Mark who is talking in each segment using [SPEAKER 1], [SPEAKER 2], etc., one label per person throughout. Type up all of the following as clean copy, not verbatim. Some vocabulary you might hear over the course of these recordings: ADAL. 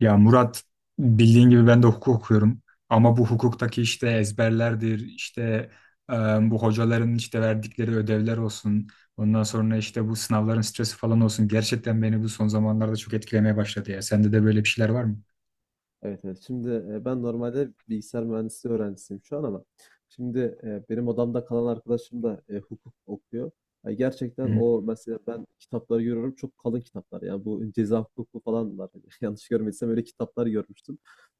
[SPEAKER 1] Ya Murat, bildiğin gibi ben de hukuk okuyorum ama bu hukuktaki işte ezberlerdir işte, e, bu hocaların işte verdikleri ödevler olsun, ondan sonra işte bu sınavların stresi falan olsun, gerçekten beni bu son zamanlarda çok etkilemeye başladı. Ya sende de böyle bir şeyler var mı?
[SPEAKER 2] Evet, evet. Şimdi ben normalde bilgisayar mühendisliği öğrencisiyim şu an ama şimdi benim odamda kalan arkadaşım da hukuk okuyor. Yani
[SPEAKER 1] Hı
[SPEAKER 2] gerçekten
[SPEAKER 1] hı.
[SPEAKER 2] o mesela ben kitapları görüyorum, çok kalın kitaplar. Yani bu ceza hukuku falan var. Yanlış görmediysem öyle kitaplar görmüştüm.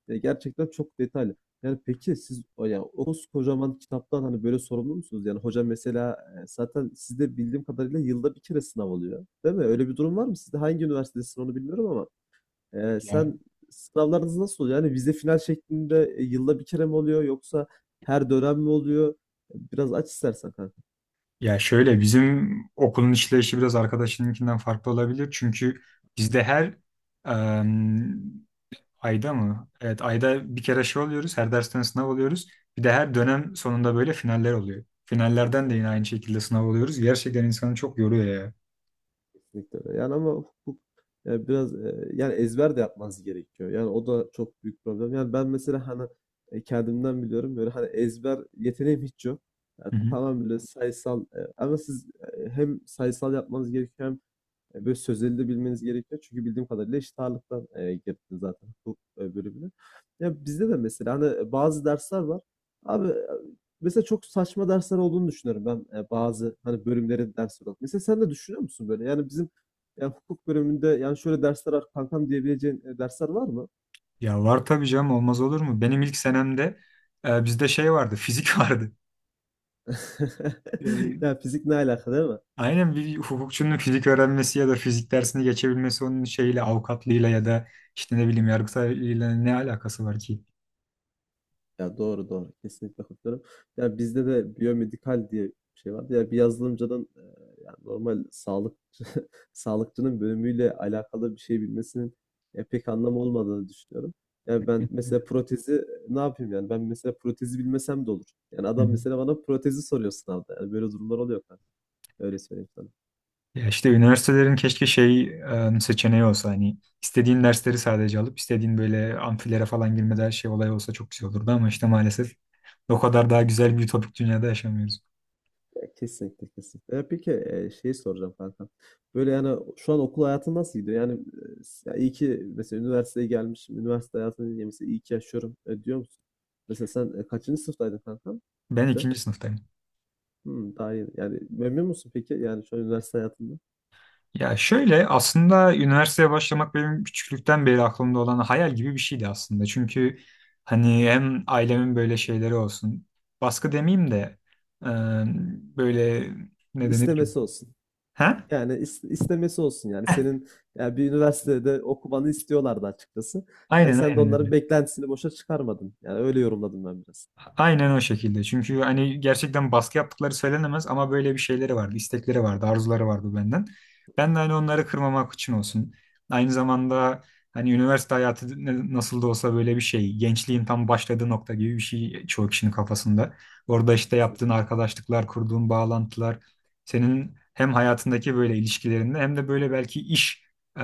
[SPEAKER 2] Gerçekten çok detaylı. Yani peki siz o yani o kocaman kitaptan hani böyle sorumlu musunuz? Yani hoca mesela zaten sizde bildiğim kadarıyla yılda bir kere sınav oluyor. Değil mi? Öyle bir durum var mı sizde? Hangi üniversitedesin onu bilmiyorum ama. Eee,
[SPEAKER 1] Ya,
[SPEAKER 2] sen sınavlarınız nasıl oluyor? Yani vize final şeklinde yılda bir kere mi oluyor yoksa her dönem mi oluyor? Biraz aç istersen kanka.
[SPEAKER 1] ya şöyle, bizim okulun işleyişi biraz arkadaşınınkinden farklı olabilir çünkü bizde her Ayda mı? Evet, ayda bir kere şey oluyoruz. Her dersten sınav oluyoruz. Bir de her dönem sonunda böyle finaller oluyor. Finallerden de yine aynı şekilde sınav oluyoruz. Gerçekten insanı çok yoruyor ya.
[SPEAKER 2] Kesinlikle öyle. Yani ama hukuk biraz yani ezber de yapmanız gerekiyor. Yani o da çok büyük problem. Yani ben mesela hani kendimden biliyorum, böyle hani ezber yeteneğim hiç yok. Yani
[SPEAKER 1] Hı hı.
[SPEAKER 2] tamam, böyle sayısal ama siz hem sayısal yapmanız gerekiyor. Böyle sözleri de bilmeniz gerekiyor. Çünkü bildiğim kadarıyla eşit ağırlıktan girdin zaten hukuk bölümüne. Ya bizde de mesela hani bazı dersler var. Abi mesela çok saçma dersler olduğunu düşünüyorum ben, bazı hani bölümlerin dersleri olarak. Mesela sen de düşünüyor musun böyle? Yani bizim yani hukuk bölümünde yani şöyle dersler var kankam diyebileceğin dersler var mı?
[SPEAKER 1] Ya var tabii canım, olmaz olur mu? Benim ilk senemde bizde şey vardı, fizik vardı. E,
[SPEAKER 2] Ya fizik ne alaka, değil mi?
[SPEAKER 1] aynen, bir hukukçunun fizik öğrenmesi ya da fizik dersini geçebilmesi onun şeyle avukatlığıyla ya da işte ne bileyim yargıtayla ne alakası var ki?
[SPEAKER 2] Ya doğru doğru. Kesinlikle katılıyorum. Ya bizde de biyomedikal diye bir şey vardı. Ya bir yazılımcının yani normal sağlıkçı sağlıkçının bölümüyle alakalı bir şey bilmesinin pek anlamı olmadığını düşünüyorum. Ya ben mesela protezi ne yapayım yani? Ben mesela protezi bilmesem de olur. Yani
[SPEAKER 1] Hı
[SPEAKER 2] adam
[SPEAKER 1] hı.
[SPEAKER 2] mesela bana protezi soruyor sınavda. Yani böyle durumlar oluyor kanka. Öyle söyleyeyim sana.
[SPEAKER 1] Ya işte üniversitelerin keşke şey, seçeneği olsa, hani istediğin dersleri sadece alıp istediğin böyle amfilere falan girmede her şey olay olsa çok güzel olurdu ama işte maalesef o kadar daha güzel bir ütopik dünyada yaşamıyoruz.
[SPEAKER 2] Ya kesinlikle, kesinlikle. Ya peki şey soracağım kanka. Böyle yani şu an okul hayatın nasıl gidiyor? Yani ya iyi ki mesela üniversiteye gelmişim, üniversite hayatını diye mesela iyi ki yaşıyorum diyor musun? Mesela sen kaçıncı sınıftaydın kanka?
[SPEAKER 1] Ben
[SPEAKER 2] Bir de
[SPEAKER 1] ikinci sınıftayım.
[SPEAKER 2] daha yeni. Yani memnun musun peki? Yani şu an üniversite hayatında.
[SPEAKER 1] Ya şöyle, aslında üniversiteye başlamak benim küçüklükten beri aklımda olan hayal gibi bir şeydi aslında. Çünkü hani hem ailemin böyle şeyleri olsun, baskı demeyeyim de e, böyle, ne denir ki?
[SPEAKER 2] İstemesi olsun.
[SPEAKER 1] Ha?
[SPEAKER 2] Yani istemesi olsun yani.
[SPEAKER 1] Heh,
[SPEAKER 2] Senin yani bir üniversitede okumanı istiyorlardı açıkçası. Yani
[SPEAKER 1] aynen
[SPEAKER 2] sen de onların
[SPEAKER 1] aynen.
[SPEAKER 2] beklentisini boşa çıkarmadın. Yani öyle yorumladım ben biraz.
[SPEAKER 1] Aynen o şekilde. Çünkü hani gerçekten baskı yaptıkları söylenemez ama böyle bir şeyleri vardı, istekleri vardı, arzuları vardı benden. Ben de hani onları kırmamak için olsun. Aynı zamanda hani üniversite hayatı nasıl da olsa böyle bir şey. Gençliğin tam başladığı nokta gibi bir şey çoğu kişinin kafasında. Orada işte yaptığın arkadaşlıklar, kurduğun bağlantılar, senin hem hayatındaki böyle ilişkilerinde hem de böyle belki iş e,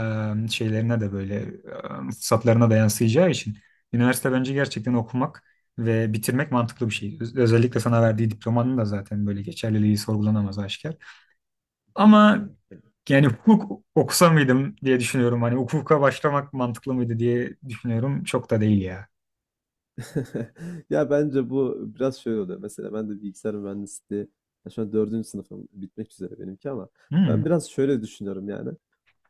[SPEAKER 1] şeylerine de fırsatlarına da yansıyacağı için üniversite bence gerçekten okumak ve bitirmek mantıklı bir şey. Özellikle sana verdiği diplomanın da zaten böyle geçerliliği sorgulanamaz, aşikar. Ama yani hukuk okusa mıydım diye düşünüyorum. Hani hukuka başlamak mantıklı mıydı diye düşünüyorum. Çok da değil ya.
[SPEAKER 2] Ya bence bu biraz şöyle oluyor. Mesela ben de bilgisayar mühendisliği, ya şu an dördüncü sınıfım bitmek üzere benimki, ama ben
[SPEAKER 1] Hmm.
[SPEAKER 2] biraz şöyle düşünüyorum yani.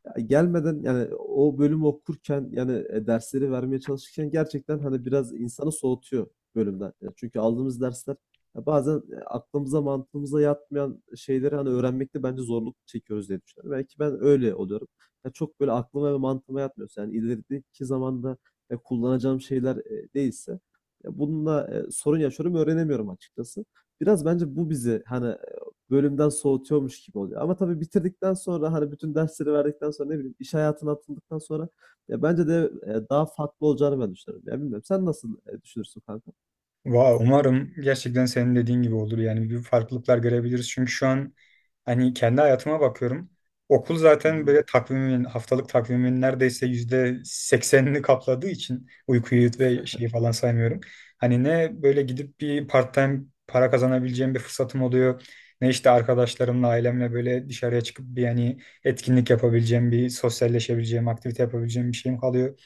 [SPEAKER 2] Ya gelmeden yani o bölümü okurken yani dersleri vermeye çalışırken gerçekten hani biraz insanı soğutuyor bölümden. Yani çünkü aldığımız dersler, ya bazen aklımıza mantığımıza yatmayan şeyleri hani öğrenmekte bence zorluk çekiyoruz diye düşünüyorum. Belki ben öyle oluyorum. Ya çok böyle aklıma ve mantığıma yatmıyorsa, yani ilerideki zamanda kullanacağım şeyler değilse, ya bununla sorun yaşıyorum, öğrenemiyorum açıkçası. Biraz bence bu bizi hani bölümden soğutuyormuş gibi oluyor. Ama tabii bitirdikten sonra, hani bütün dersleri verdikten sonra, ne bileyim iş hayatına atıldıktan sonra, ya bence de daha farklı olacağını ben düşünüyorum. Ya bilmiyorum, sen nasıl düşünürsün kanka?
[SPEAKER 1] Umarım gerçekten senin dediğin gibi olur. Yani bir farklılıklar görebiliriz. Çünkü şu an hani kendi hayatıma bakıyorum. Okul
[SPEAKER 2] Hı
[SPEAKER 1] zaten
[SPEAKER 2] hı.
[SPEAKER 1] böyle takvimin, haftalık takvimin neredeyse %80'ini kapladığı için uykuyu ve şeyi falan saymıyorum. Hani ne böyle gidip bir part-time para kazanabileceğim bir fırsatım oluyor. Ne işte arkadaşlarımla, ailemle böyle dışarıya çıkıp bir yani etkinlik yapabileceğim, bir sosyalleşebileceğim, aktivite yapabileceğim bir şeyim kalıyor.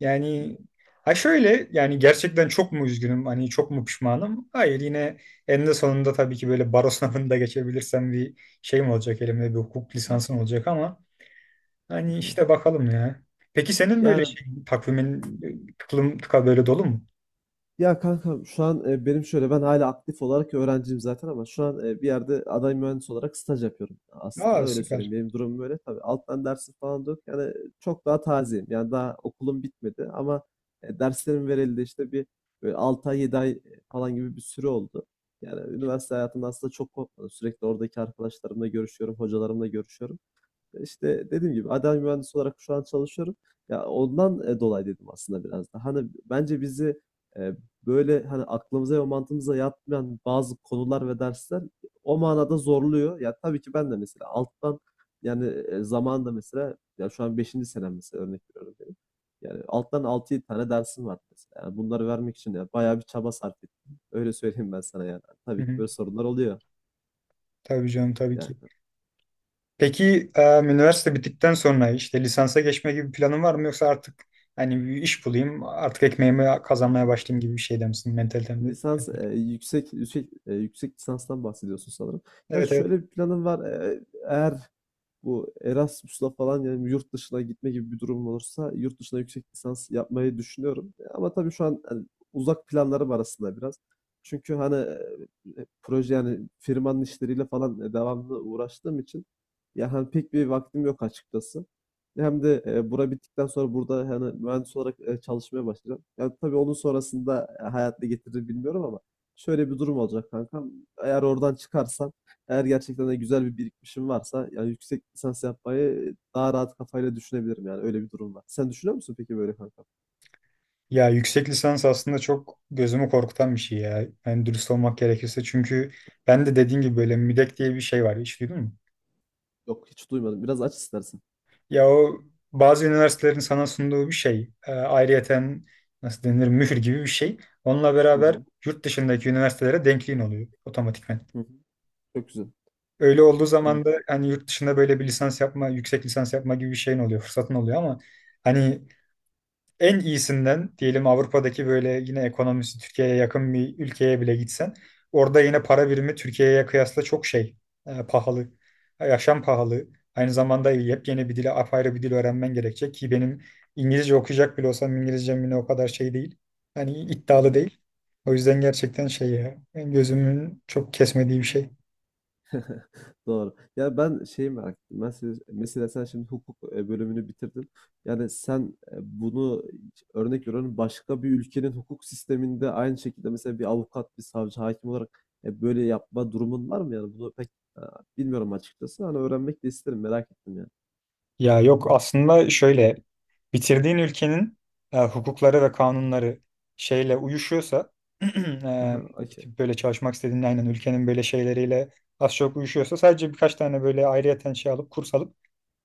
[SPEAKER 1] Yani ha şöyle, yani gerçekten çok mu üzgünüm, hani çok mu pişmanım? Hayır, yine eninde sonunda tabii ki böyle baro sınavında geçebilirsem bir şeyim olacak, elimde bir hukuk
[SPEAKER 2] Evet.
[SPEAKER 1] lisansım olacak ama
[SPEAKER 2] Hı
[SPEAKER 1] hani
[SPEAKER 2] hı.
[SPEAKER 1] işte bakalım ya. Peki senin böyle
[SPEAKER 2] Yani.
[SPEAKER 1] şey, takvimin tıklım tıka böyle dolu mu?
[SPEAKER 2] Ya kankam şu an benim şöyle, ben hala aktif olarak öğrenciyim zaten ama şu an bir yerde aday mühendis olarak staj yapıyorum. Aslında
[SPEAKER 1] Aa,
[SPEAKER 2] öyle
[SPEAKER 1] süper.
[SPEAKER 2] söyleyeyim. Benim durumum böyle. Tabii alttan dersim falan da yok. Yani çok daha tazeyim. Yani daha okulum bitmedi ama derslerim verildi, işte bir böyle 6 ay 7 ay falan gibi bir süre oldu. Yani üniversite hayatımda aslında çok kopmadım. Sürekli oradaki arkadaşlarımla görüşüyorum, hocalarımla görüşüyorum. İşte, dediğim gibi ADAL mühendisi olarak şu an çalışıyorum. Ya ondan, dolayı dedim aslında biraz da. Hani bence bizi, eee, böyle, hani aklımıza ve mantığımıza yatmayan bazı konular ve dersler o manada zorluyor. Ya tabii ki ben de mesela alttan, yani, zamanında mesela, ya, şu an beşinci senem mesela, örnek veriyorum benim. Yani alttan altı 7 tane dersim var mesela. Yani bunları vermek için, ya, bayağı bir çaba sarf ettim. Öyle söyleyeyim ben sana yani.
[SPEAKER 1] Hı
[SPEAKER 2] Tabii ki
[SPEAKER 1] hı.
[SPEAKER 2] böyle sorunlar oluyor.
[SPEAKER 1] Tabii canım, tabii
[SPEAKER 2] Yani.
[SPEAKER 1] ki. Peki üniversite bittikten sonra işte lisansa geçme gibi bir planın var mı, yoksa artık hani bir iş bulayım artık ekmeğimi kazanmaya başlayayım gibi bir şeyde misin, mentalitemde?
[SPEAKER 2] Lisans yüksek yüksek lisanstan bahsediyorsun sanırım. Ya
[SPEAKER 1] Evet, evet.
[SPEAKER 2] şöyle bir planım var. Eğer bu Erasmus'la falan, yani yurt dışına gitme gibi bir durum olursa, yurt dışına yüksek lisans yapmayı düşünüyorum. Ama tabii şu an hani uzak planlarım arasında biraz. Çünkü hani proje, yani firmanın işleriyle falan devamlı uğraştığım için ya hani pek bir vaktim yok açıkçası. Hem de bura bittikten sonra burada hani mühendis olarak çalışmaya başlayacağım. Yani tabii onun sonrasında hayat ne getirir bilmiyorum ama şöyle bir durum olacak kankam. Eğer oradan çıkarsam, eğer gerçekten de güzel bir birikmişim varsa, yani yüksek lisans yapmayı daha rahat kafayla düşünebilirim, yani öyle bir durum var. Sen düşünüyor musun peki böyle kanka?
[SPEAKER 1] Ya yüksek lisans aslında çok gözümü korkutan bir şey ya. Yani dürüst olmak gerekirse. Çünkü ben de dediğin gibi böyle müdek diye bir şey var. Hiç duydun mu?
[SPEAKER 2] Yok, hiç duymadım. Biraz aç istersen.
[SPEAKER 1] Ya o bazı üniversitelerin sana sunduğu bir şey. Ayrıyeten, nasıl denir, mühür gibi bir şey. Onunla
[SPEAKER 2] Hı
[SPEAKER 1] beraber
[SPEAKER 2] hı.
[SPEAKER 1] yurt dışındaki üniversitelere denkliğin oluyor otomatikman.
[SPEAKER 2] Hı hı. Çok güzel.
[SPEAKER 1] Öyle olduğu zaman
[SPEAKER 2] Yani.
[SPEAKER 1] da hani yurt dışında böyle bir lisans yapma, yüksek lisans yapma gibi bir şeyin oluyor, fırsatın oluyor ama hani en iyisinden diyelim Avrupa'daki böyle yine ekonomisi Türkiye'ye yakın bir ülkeye bile gitsen orada yine para birimi Türkiye'ye kıyasla çok şey, pahalı. Yaşam pahalı. Aynı zamanda yepyeni bir dili, apayrı bir dil öğrenmen gerekecek ki benim İngilizce okuyacak bile olsam İngilizcem yine o kadar şey değil. Hani
[SPEAKER 2] Hı
[SPEAKER 1] iddialı
[SPEAKER 2] hı.
[SPEAKER 1] değil. O yüzden gerçekten şey ya, gözümün çok kesmediği bir şey.
[SPEAKER 2] Doğru. Ya ben şeyi merak ettim. Mesela, mesela sen şimdi hukuk bölümünü bitirdin. Yani sen bunu, örnek veriyorum, başka bir ülkenin hukuk sisteminde aynı şekilde mesela bir avukat, bir savcı, hakim olarak böyle yapma durumun var mı? Yani bunu pek e, bilmiyorum açıkçası. Hani öğrenmek de isterim. Merak ettim yani.
[SPEAKER 1] Ya yok, aslında şöyle, bitirdiğin ülkenin hukukları ve kanunları şeyle uyuşuyorsa, e,
[SPEAKER 2] Aha, okey.
[SPEAKER 1] gidip böyle çalışmak istediğin aynen ülkenin böyle şeyleriyle az çok uyuşuyorsa sadece birkaç tane böyle ayrıyeten şey alıp, kurs alıp,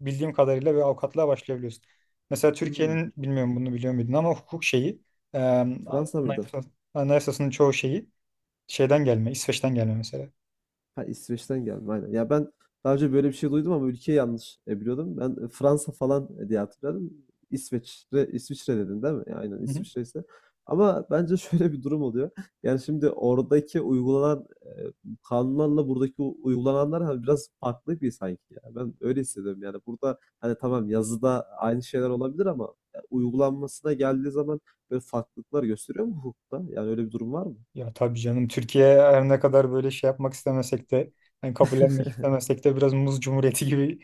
[SPEAKER 1] bildiğim kadarıyla böyle avukatlığa başlayabiliyorsun. Mesela
[SPEAKER 2] Hmm,
[SPEAKER 1] Türkiye'nin,
[SPEAKER 2] çok iyi.
[SPEAKER 1] bilmiyorum bunu biliyor muydun ama, hukuk şeyi e,
[SPEAKER 2] Fransa mıydı?
[SPEAKER 1] anayasa- anayasasının çoğu şeyi şeyden gelme, İsveç'ten gelme mesela.
[SPEAKER 2] Ha, İsveç'ten gelme, aynen. Ya ben daha önce böyle bir şey duydum ama ülkeyi yanlış biliyordum. Ben Fransa falan diye hatırladım. İsveç'te, İsviçre dedin değil mi? Ya aynen, İsviçre ise. Ama bence şöyle bir durum oluyor. Yani şimdi oradaki uygulanan kanunlarla buradaki uygulananlar hani biraz farklı bir sanki ya. Ben öyle hissediyorum yani. Burada hani tamam, yazıda aynı şeyler olabilir ama uygulanmasına geldiği zaman böyle farklılıklar gösteriyor mu hukukta? Yani öyle bir durum var mı?
[SPEAKER 1] Ya tabii canım, Türkiye her ne kadar böyle şey yapmak istemesek de, yani kabullenmek istemesek de, biraz muz cumhuriyeti gibi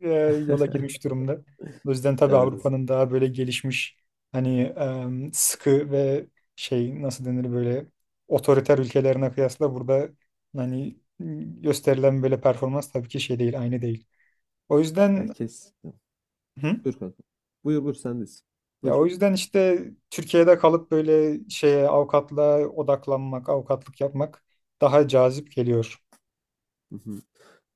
[SPEAKER 1] e, yola girmiş durumda. O yüzden tabii
[SPEAKER 2] Evet.
[SPEAKER 1] Avrupa'nın daha böyle gelişmiş, hani sıkı ve şey nasıl denir, böyle otoriter ülkelerine kıyasla burada hani gösterilen böyle performans tabii ki şey değil, aynı değil. O
[SPEAKER 2] Ya
[SPEAKER 1] yüzden,
[SPEAKER 2] kes.
[SPEAKER 1] hı?
[SPEAKER 2] Buyur kanka. Buyur buyur, sendeyiz.
[SPEAKER 1] Ya
[SPEAKER 2] Buyur.
[SPEAKER 1] o yüzden işte Türkiye'de kalıp böyle şeye, avukatlığa odaklanmak, avukatlık yapmak daha cazip geliyor.
[SPEAKER 2] Hı hı.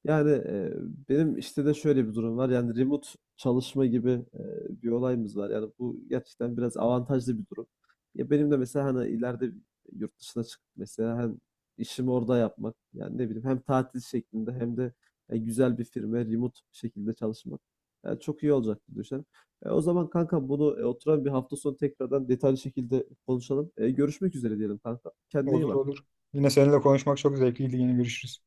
[SPEAKER 2] Yani benim işte de şöyle bir durum var. Yani remote çalışma gibi bir olayımız var. Yani bu gerçekten biraz avantajlı bir durum. Ya benim de mesela hani ileride yurt dışına çıkıp mesela hem işimi orada yapmak, yani ne bileyim, hem tatil şeklinde hem de güzel bir firma remote şekilde çalışmak, yani çok iyi olacak diye düşünüyorum. O zaman kanka bunu oturan bir hafta sonu tekrardan detaylı şekilde konuşalım. E, görüşmek üzere diyelim kanka. Kendine iyi
[SPEAKER 1] Olur
[SPEAKER 2] bak.
[SPEAKER 1] olur. Yine seninle konuşmak çok zevkliydi. Yine görüşürüz.